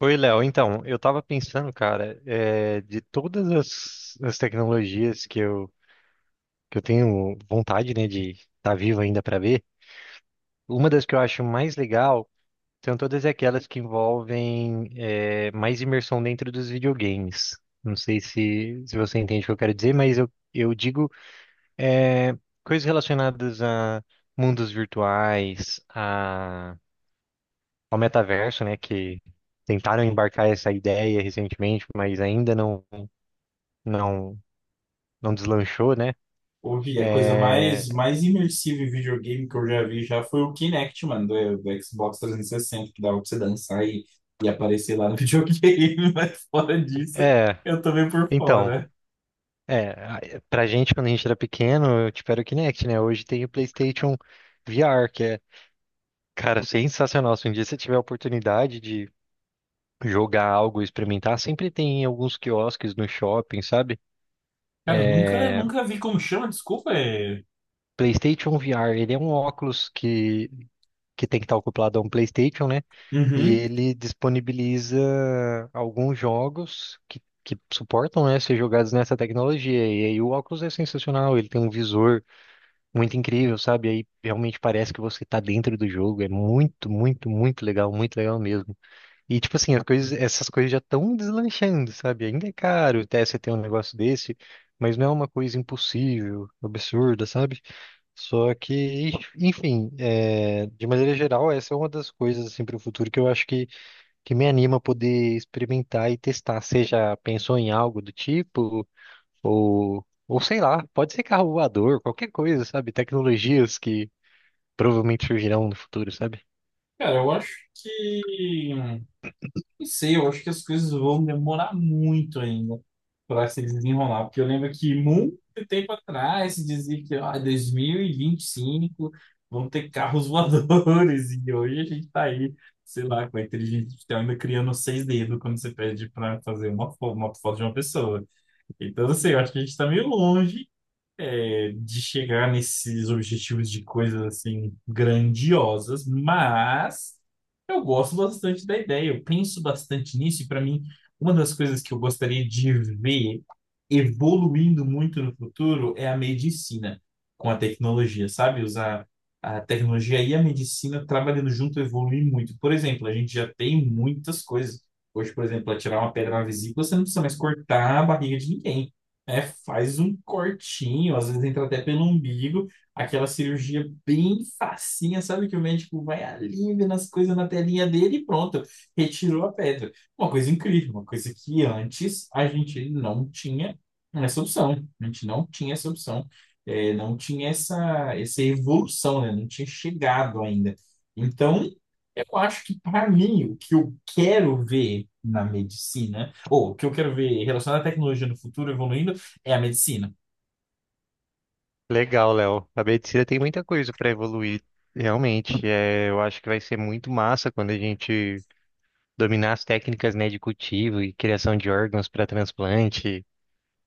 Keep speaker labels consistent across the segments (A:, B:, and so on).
A: Oi, Léo. Então, eu tava pensando, cara, de todas as tecnologias que eu tenho vontade, né, de estar vivo ainda para ver, uma das que eu acho mais legal são todas aquelas que envolvem, mais imersão dentro dos videogames. Não sei se você entende o que eu quero dizer, mas eu digo, eh, coisas relacionadas a mundos virtuais, a, ao metaverso, né, que tentaram embarcar essa ideia recentemente, mas ainda não não deslanchou, né?
B: Ouvi, a coisa
A: É,
B: mais imersiva em videogame que eu já vi já foi o Kinect, mano, do Xbox 360, que dava pra você dançar e aparecer lá no videogame, mas fora disso,
A: é,
B: eu tô meio por
A: então,
B: fora.
A: é, a- pra gente quando a gente era pequeno, tipo, era o Kinect, né? Hoje tem o PlayStation VR, que é, cara, sensacional. Se um dia você tiver a oportunidade de jogar algo, experimentar, sempre tem em alguns quiosques no shopping, sabe?
B: Cara, eu nunca,
A: É,
B: nunca vi como chama, desculpa,
A: PlayStation VR, ele é um óculos que tem que estar acoplado a um PlayStation, né? E
B: Uhum.
A: ele disponibiliza alguns jogos que suportam, né, ser jogados nessa tecnologia. E aí o óculos é sensacional, ele tem um visor muito incrível, sabe? Aí realmente parece que você tá dentro do jogo. É muito, muito, muito legal mesmo. E tipo assim, as coisas, essas coisas já estão deslanchando, sabe? Ainda é caro até você ter um negócio desse, mas não é uma coisa impossível, absurda, sabe? Só que, enfim, é, de maneira geral, essa é uma das coisas assim para o futuro que eu acho que me anima a poder experimentar e testar. Você já pensou em algo do tipo? Ou sei lá, pode ser carro voador, qualquer coisa, sabe? Tecnologias que provavelmente surgirão no futuro, sabe?
B: Cara, eu acho que. Não sei, eu acho que as coisas vão demorar muito ainda para se desenrolar, porque eu lembro que muito tempo atrás se dizia que ah, dois mil e vinte e cinco vão ter carros voadores, e hoje a gente tá aí, sei lá, com a inteligência artificial ainda criando seis dedos quando você pede para fazer uma foto de uma pessoa. Então, assim, eu acho que a gente tá meio longe de chegar nesses objetivos de coisas assim grandiosas, mas eu gosto bastante da ideia, eu penso bastante nisso, e para mim, uma das coisas que eu gostaria de ver evoluindo muito no futuro é a medicina com a tecnologia, sabe? Usar a tecnologia e a medicina trabalhando junto evoluir muito. Por exemplo, a gente já tem muitas coisas. Hoje, por exemplo, para tirar uma pedra na vesícula, você não precisa mais cortar a barriga de ninguém. É, faz um cortinho, às vezes entra até pelo umbigo, aquela cirurgia bem facinha, sabe? Que o médico vai ali vendo as coisas na telinha dele e pronto, retirou a pedra. Uma coisa incrível, uma coisa que antes a gente não tinha essa opção, a gente não tinha essa opção, não tinha essa evolução, né? Não tinha chegado ainda. Então, eu acho que para mim, o que eu quero ver na medicina, ou o que eu quero ver relacionado à tecnologia no futuro evoluindo, é a medicina.
A: Legal, Léo. A medicina tem muita coisa para evoluir, realmente. É, eu acho que vai ser muito massa quando a gente dominar as técnicas, né, de cultivo e criação de órgãos para transplante.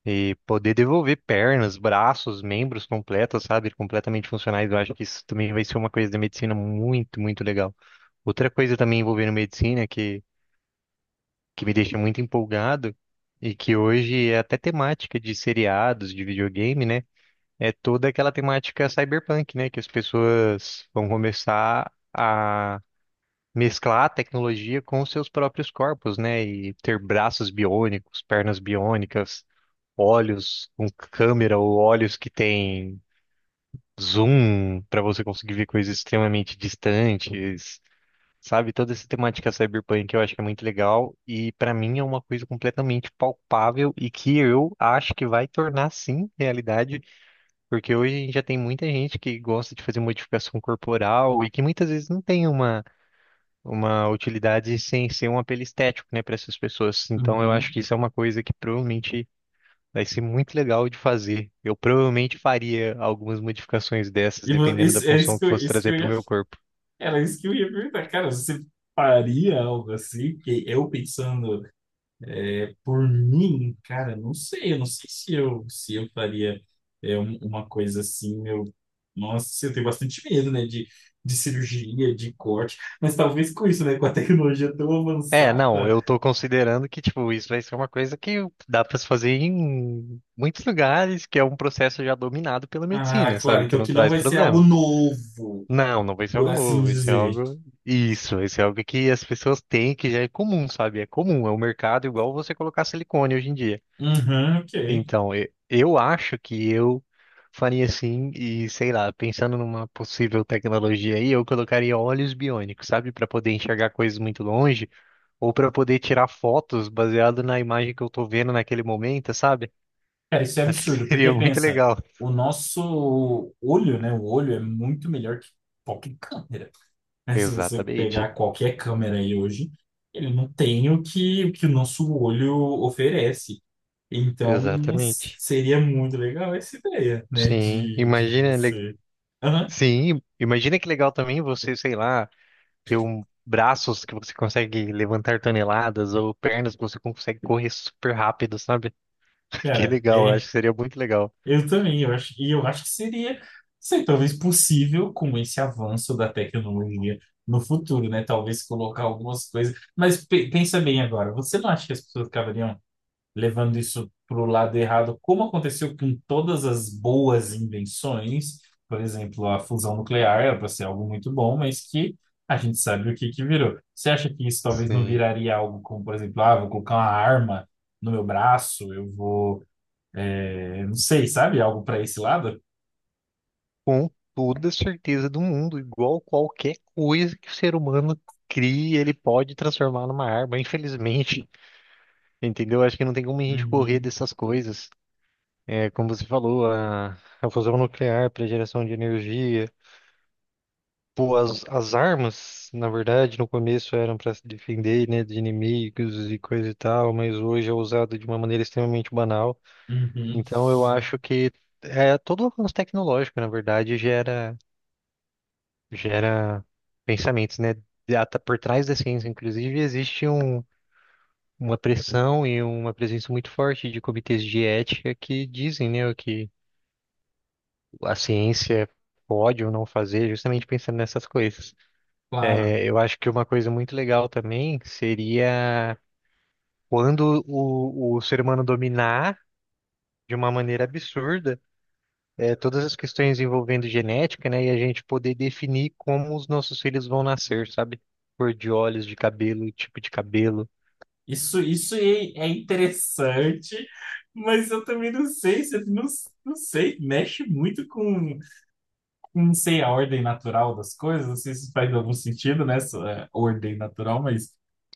A: E poder devolver pernas, braços, membros completos, sabe? Completamente funcionais. Eu acho que isso também vai ser uma coisa da medicina muito, muito legal. Outra coisa também envolvendo medicina que me deixa muito empolgado e que hoje é até temática de seriados, de videogame, né? É toda aquela temática cyberpunk, né? Que as pessoas vão começar a mesclar a tecnologia com os seus próprios corpos, né? E ter braços biônicos, pernas biônicas, olhos com câmera ou olhos que tem zoom para você conseguir ver coisas extremamente distantes, sabe? Toda essa temática cyberpunk eu acho que é muito legal e para mim é uma coisa completamente palpável e que eu acho que vai tornar sim realidade, porque hoje a gente já tem muita gente que gosta de fazer modificação corporal e que muitas vezes não tem uma utilidade sem ser um apelo estético, né, para essas pessoas. Então, eu acho
B: Uhum.
A: que isso é uma coisa que provavelmente vai ser muito legal de fazer. Eu provavelmente faria algumas modificações dessas, dependendo da função que fosse
B: Isso que
A: trazer
B: eu
A: para o
B: ia,
A: meu corpo.
B: era isso que eu ia perguntar. Cara, você faria algo assim? Porque eu pensando por mim, cara, não sei, eu não sei se eu faria uma coisa assim. Eu, nossa, eu tenho bastante medo, né? De cirurgia, de corte. Mas talvez com isso, né? Com a tecnologia tão
A: É, não,
B: avançada.
A: eu tô considerando que, tipo, isso vai ser uma coisa que dá para se fazer em muitos lugares, que é um processo já dominado pela
B: Ah,
A: medicina,
B: claro,
A: sabe? Que
B: então
A: não
B: que não
A: traz
B: vai ser algo
A: problema.
B: novo,
A: Não, não vai ser
B: por
A: algo
B: assim
A: novo, vai ser
B: dizer.
A: algo. Isso, vai ser algo que as pessoas têm, que já é comum, sabe? É comum, é o mercado igual você colocar silicone hoje em dia.
B: Uhum, ok.
A: Então, eu acho que eu faria assim e sei lá, pensando numa possível tecnologia aí, eu colocaria olhos biônicos, sabe, para poder enxergar coisas muito longe ou para poder tirar fotos baseado na imagem que eu tô vendo naquele momento, sabe?
B: Cara, isso é
A: Acho que
B: absurdo,
A: seria
B: porque
A: muito
B: pensa,
A: legal.
B: o nosso olho, né? O olho é muito melhor que qualquer câmera. Né? Se você
A: Exatamente.
B: pegar qualquer câmera aí hoje, ele não tem o que o nosso olho oferece. Então,
A: Exatamente.
B: seria muito legal essa ideia, né?
A: Sim,
B: De
A: imagina,
B: você. Aham,
A: sim, imagina que legal também você, sei lá, ter um braços que você consegue levantar toneladas ou pernas que você consegue correr super rápido, sabe? Que
B: cara,
A: legal, eu
B: é.
A: acho que seria muito legal.
B: Eu também, eu acho, e eu acho que seria, sei, talvez possível com esse avanço da tecnologia no futuro, né? Talvez colocar algumas coisas. Mas pensa bem agora, você não acha que as pessoas acabariam levando isso para o lado errado, como aconteceu com todas as boas invenções? Por exemplo, a fusão nuclear era para ser algo muito bom, mas que a gente sabe o que que virou. Você acha que isso talvez não
A: Sim.
B: viraria algo como, por exemplo, ah, vou colocar uma arma no meu braço, eu vou não sei, sabe? Algo para esse lado?
A: Com toda certeza do mundo, igual qualquer coisa que o ser humano cria, ele pode transformar numa arma, infelizmente. Entendeu? Acho que não tem como a gente correr
B: Uhum,
A: dessas coisas. É, como você falou, a fusão nuclear para geração de energia. Pô, as armas, na verdade, no começo eram para se defender, né, de inimigos e coisa e tal, mas hoje é usado de uma maneira extremamente banal.
B: uhum,
A: Então eu acho que é, todo avanço tecnológico, na verdade, gera pensamentos, né? E por trás da ciência, inclusive, existe um, uma pressão e uma presença muito forte de comitês de ética que dizem, né, o que a ciência pode ou não fazer, justamente pensando nessas coisas.
B: claro.
A: É, eu acho que uma coisa muito legal também seria quando o ser humano dominar de uma maneira absurda todas as questões envolvendo genética, né? E a gente poder definir como os nossos filhos vão nascer, sabe? Cor de olhos, de cabelo, tipo de cabelo.
B: Isso é, é interessante, mas eu também não sei, não, não sei, mexe muito com, não sei, a ordem natural das coisas, não sei se faz algum sentido nessa ordem natural, mas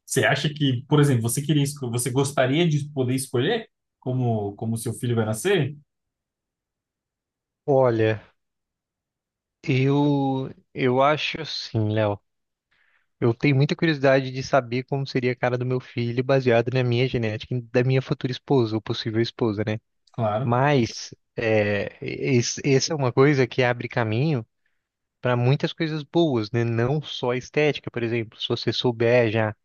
B: você acha que, por exemplo, você queria, você gostaria de poder escolher como, como seu filho vai nascer?
A: Olha, eu acho assim, Léo. Eu tenho muita curiosidade de saber como seria a cara do meu filho baseado na minha genética e da minha futura esposa, ou possível esposa, né?
B: Claro.
A: Mas é, essa é uma coisa que abre caminho para muitas coisas boas, né? Não só estética, por exemplo. Se você souber já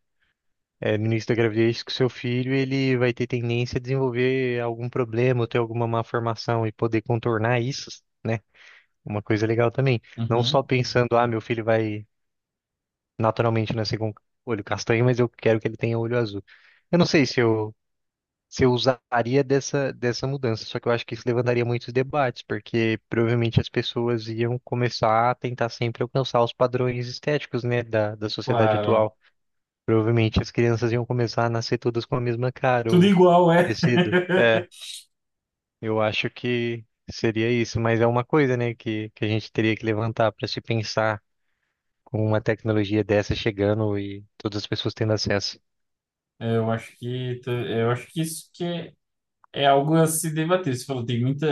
A: é, no início da gravidez que o seu filho ele vai ter tendência a desenvolver algum problema, ou ter alguma malformação e poder contornar isso, né? Uma coisa legal também. Não
B: Uhum,
A: só pensando, ah, meu filho vai naturalmente nascer com olho castanho, mas eu quero que ele tenha olho azul. Eu não sei se eu usaria dessa dessa mudança, só que eu acho que isso levantaria muitos debates, porque provavelmente as pessoas iam começar a tentar sempre alcançar os padrões estéticos, né, da sociedade
B: claro.
A: atual. Provavelmente as crianças iam começar a nascer todas com a mesma cara
B: Tudo
A: ou
B: igual, é.
A: parecido. É, eu acho que seria isso, mas é uma coisa, né, que a gente teria que levantar para se pensar com uma tecnologia dessa chegando e todas as pessoas tendo acesso.
B: Eu acho que é algo a se debater. Você falou, tem muita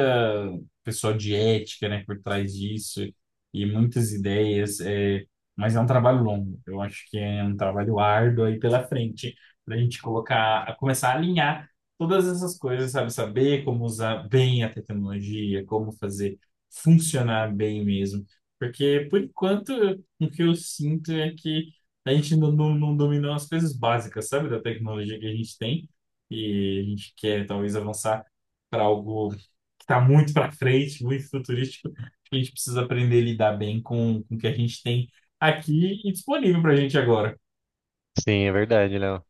B: pessoa de ética, né, por trás disso e muitas ideias, mas é um trabalho longo. Eu acho que é um trabalho árduo aí pela frente para a gente colocar, a começar a alinhar todas essas coisas, sabe? Saber como usar bem a tecnologia, como fazer funcionar bem mesmo. Porque, por enquanto, o que eu sinto é que a gente não dominou as coisas básicas, sabe, da tecnologia que a gente tem e a gente quer talvez avançar para algo que está muito para frente, muito futurístico, a gente precisa aprender a lidar bem com o que a gente tem aqui e disponível para a gente agora.
A: Sim, é verdade, Léo.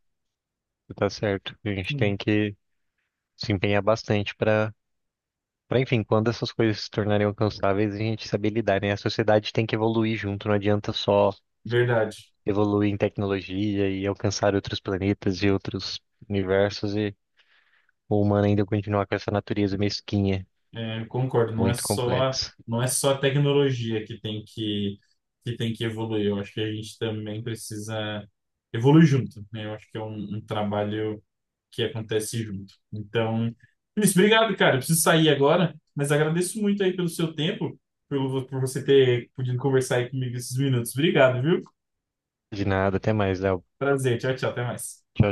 A: Você tá certo. A gente
B: Hum.
A: tem que se empenhar bastante para, enfim, quando essas coisas se tornarem alcançáveis, a gente saber lidar, né? A sociedade tem que evoluir junto, não adianta só
B: Verdade.
A: evoluir em tecnologia e alcançar outros planetas e outros universos e o humano ainda continuar com essa natureza mesquinha,
B: É, concordo,
A: muito complexa.
B: não é só a tecnologia que tem que evoluir. Eu acho que a gente também precisa evoluir junto, né? Eu acho que é um trabalho que acontece junto. Então, Luiz, obrigado, cara. Eu preciso sair agora, mas agradeço muito aí pelo seu tempo, pelo, por você ter podido conversar aí comigo esses minutos. Obrigado, viu?
A: De nada, até mais, Léo.
B: Prazer. Tchau, tchau. Até mais.
A: Tchau,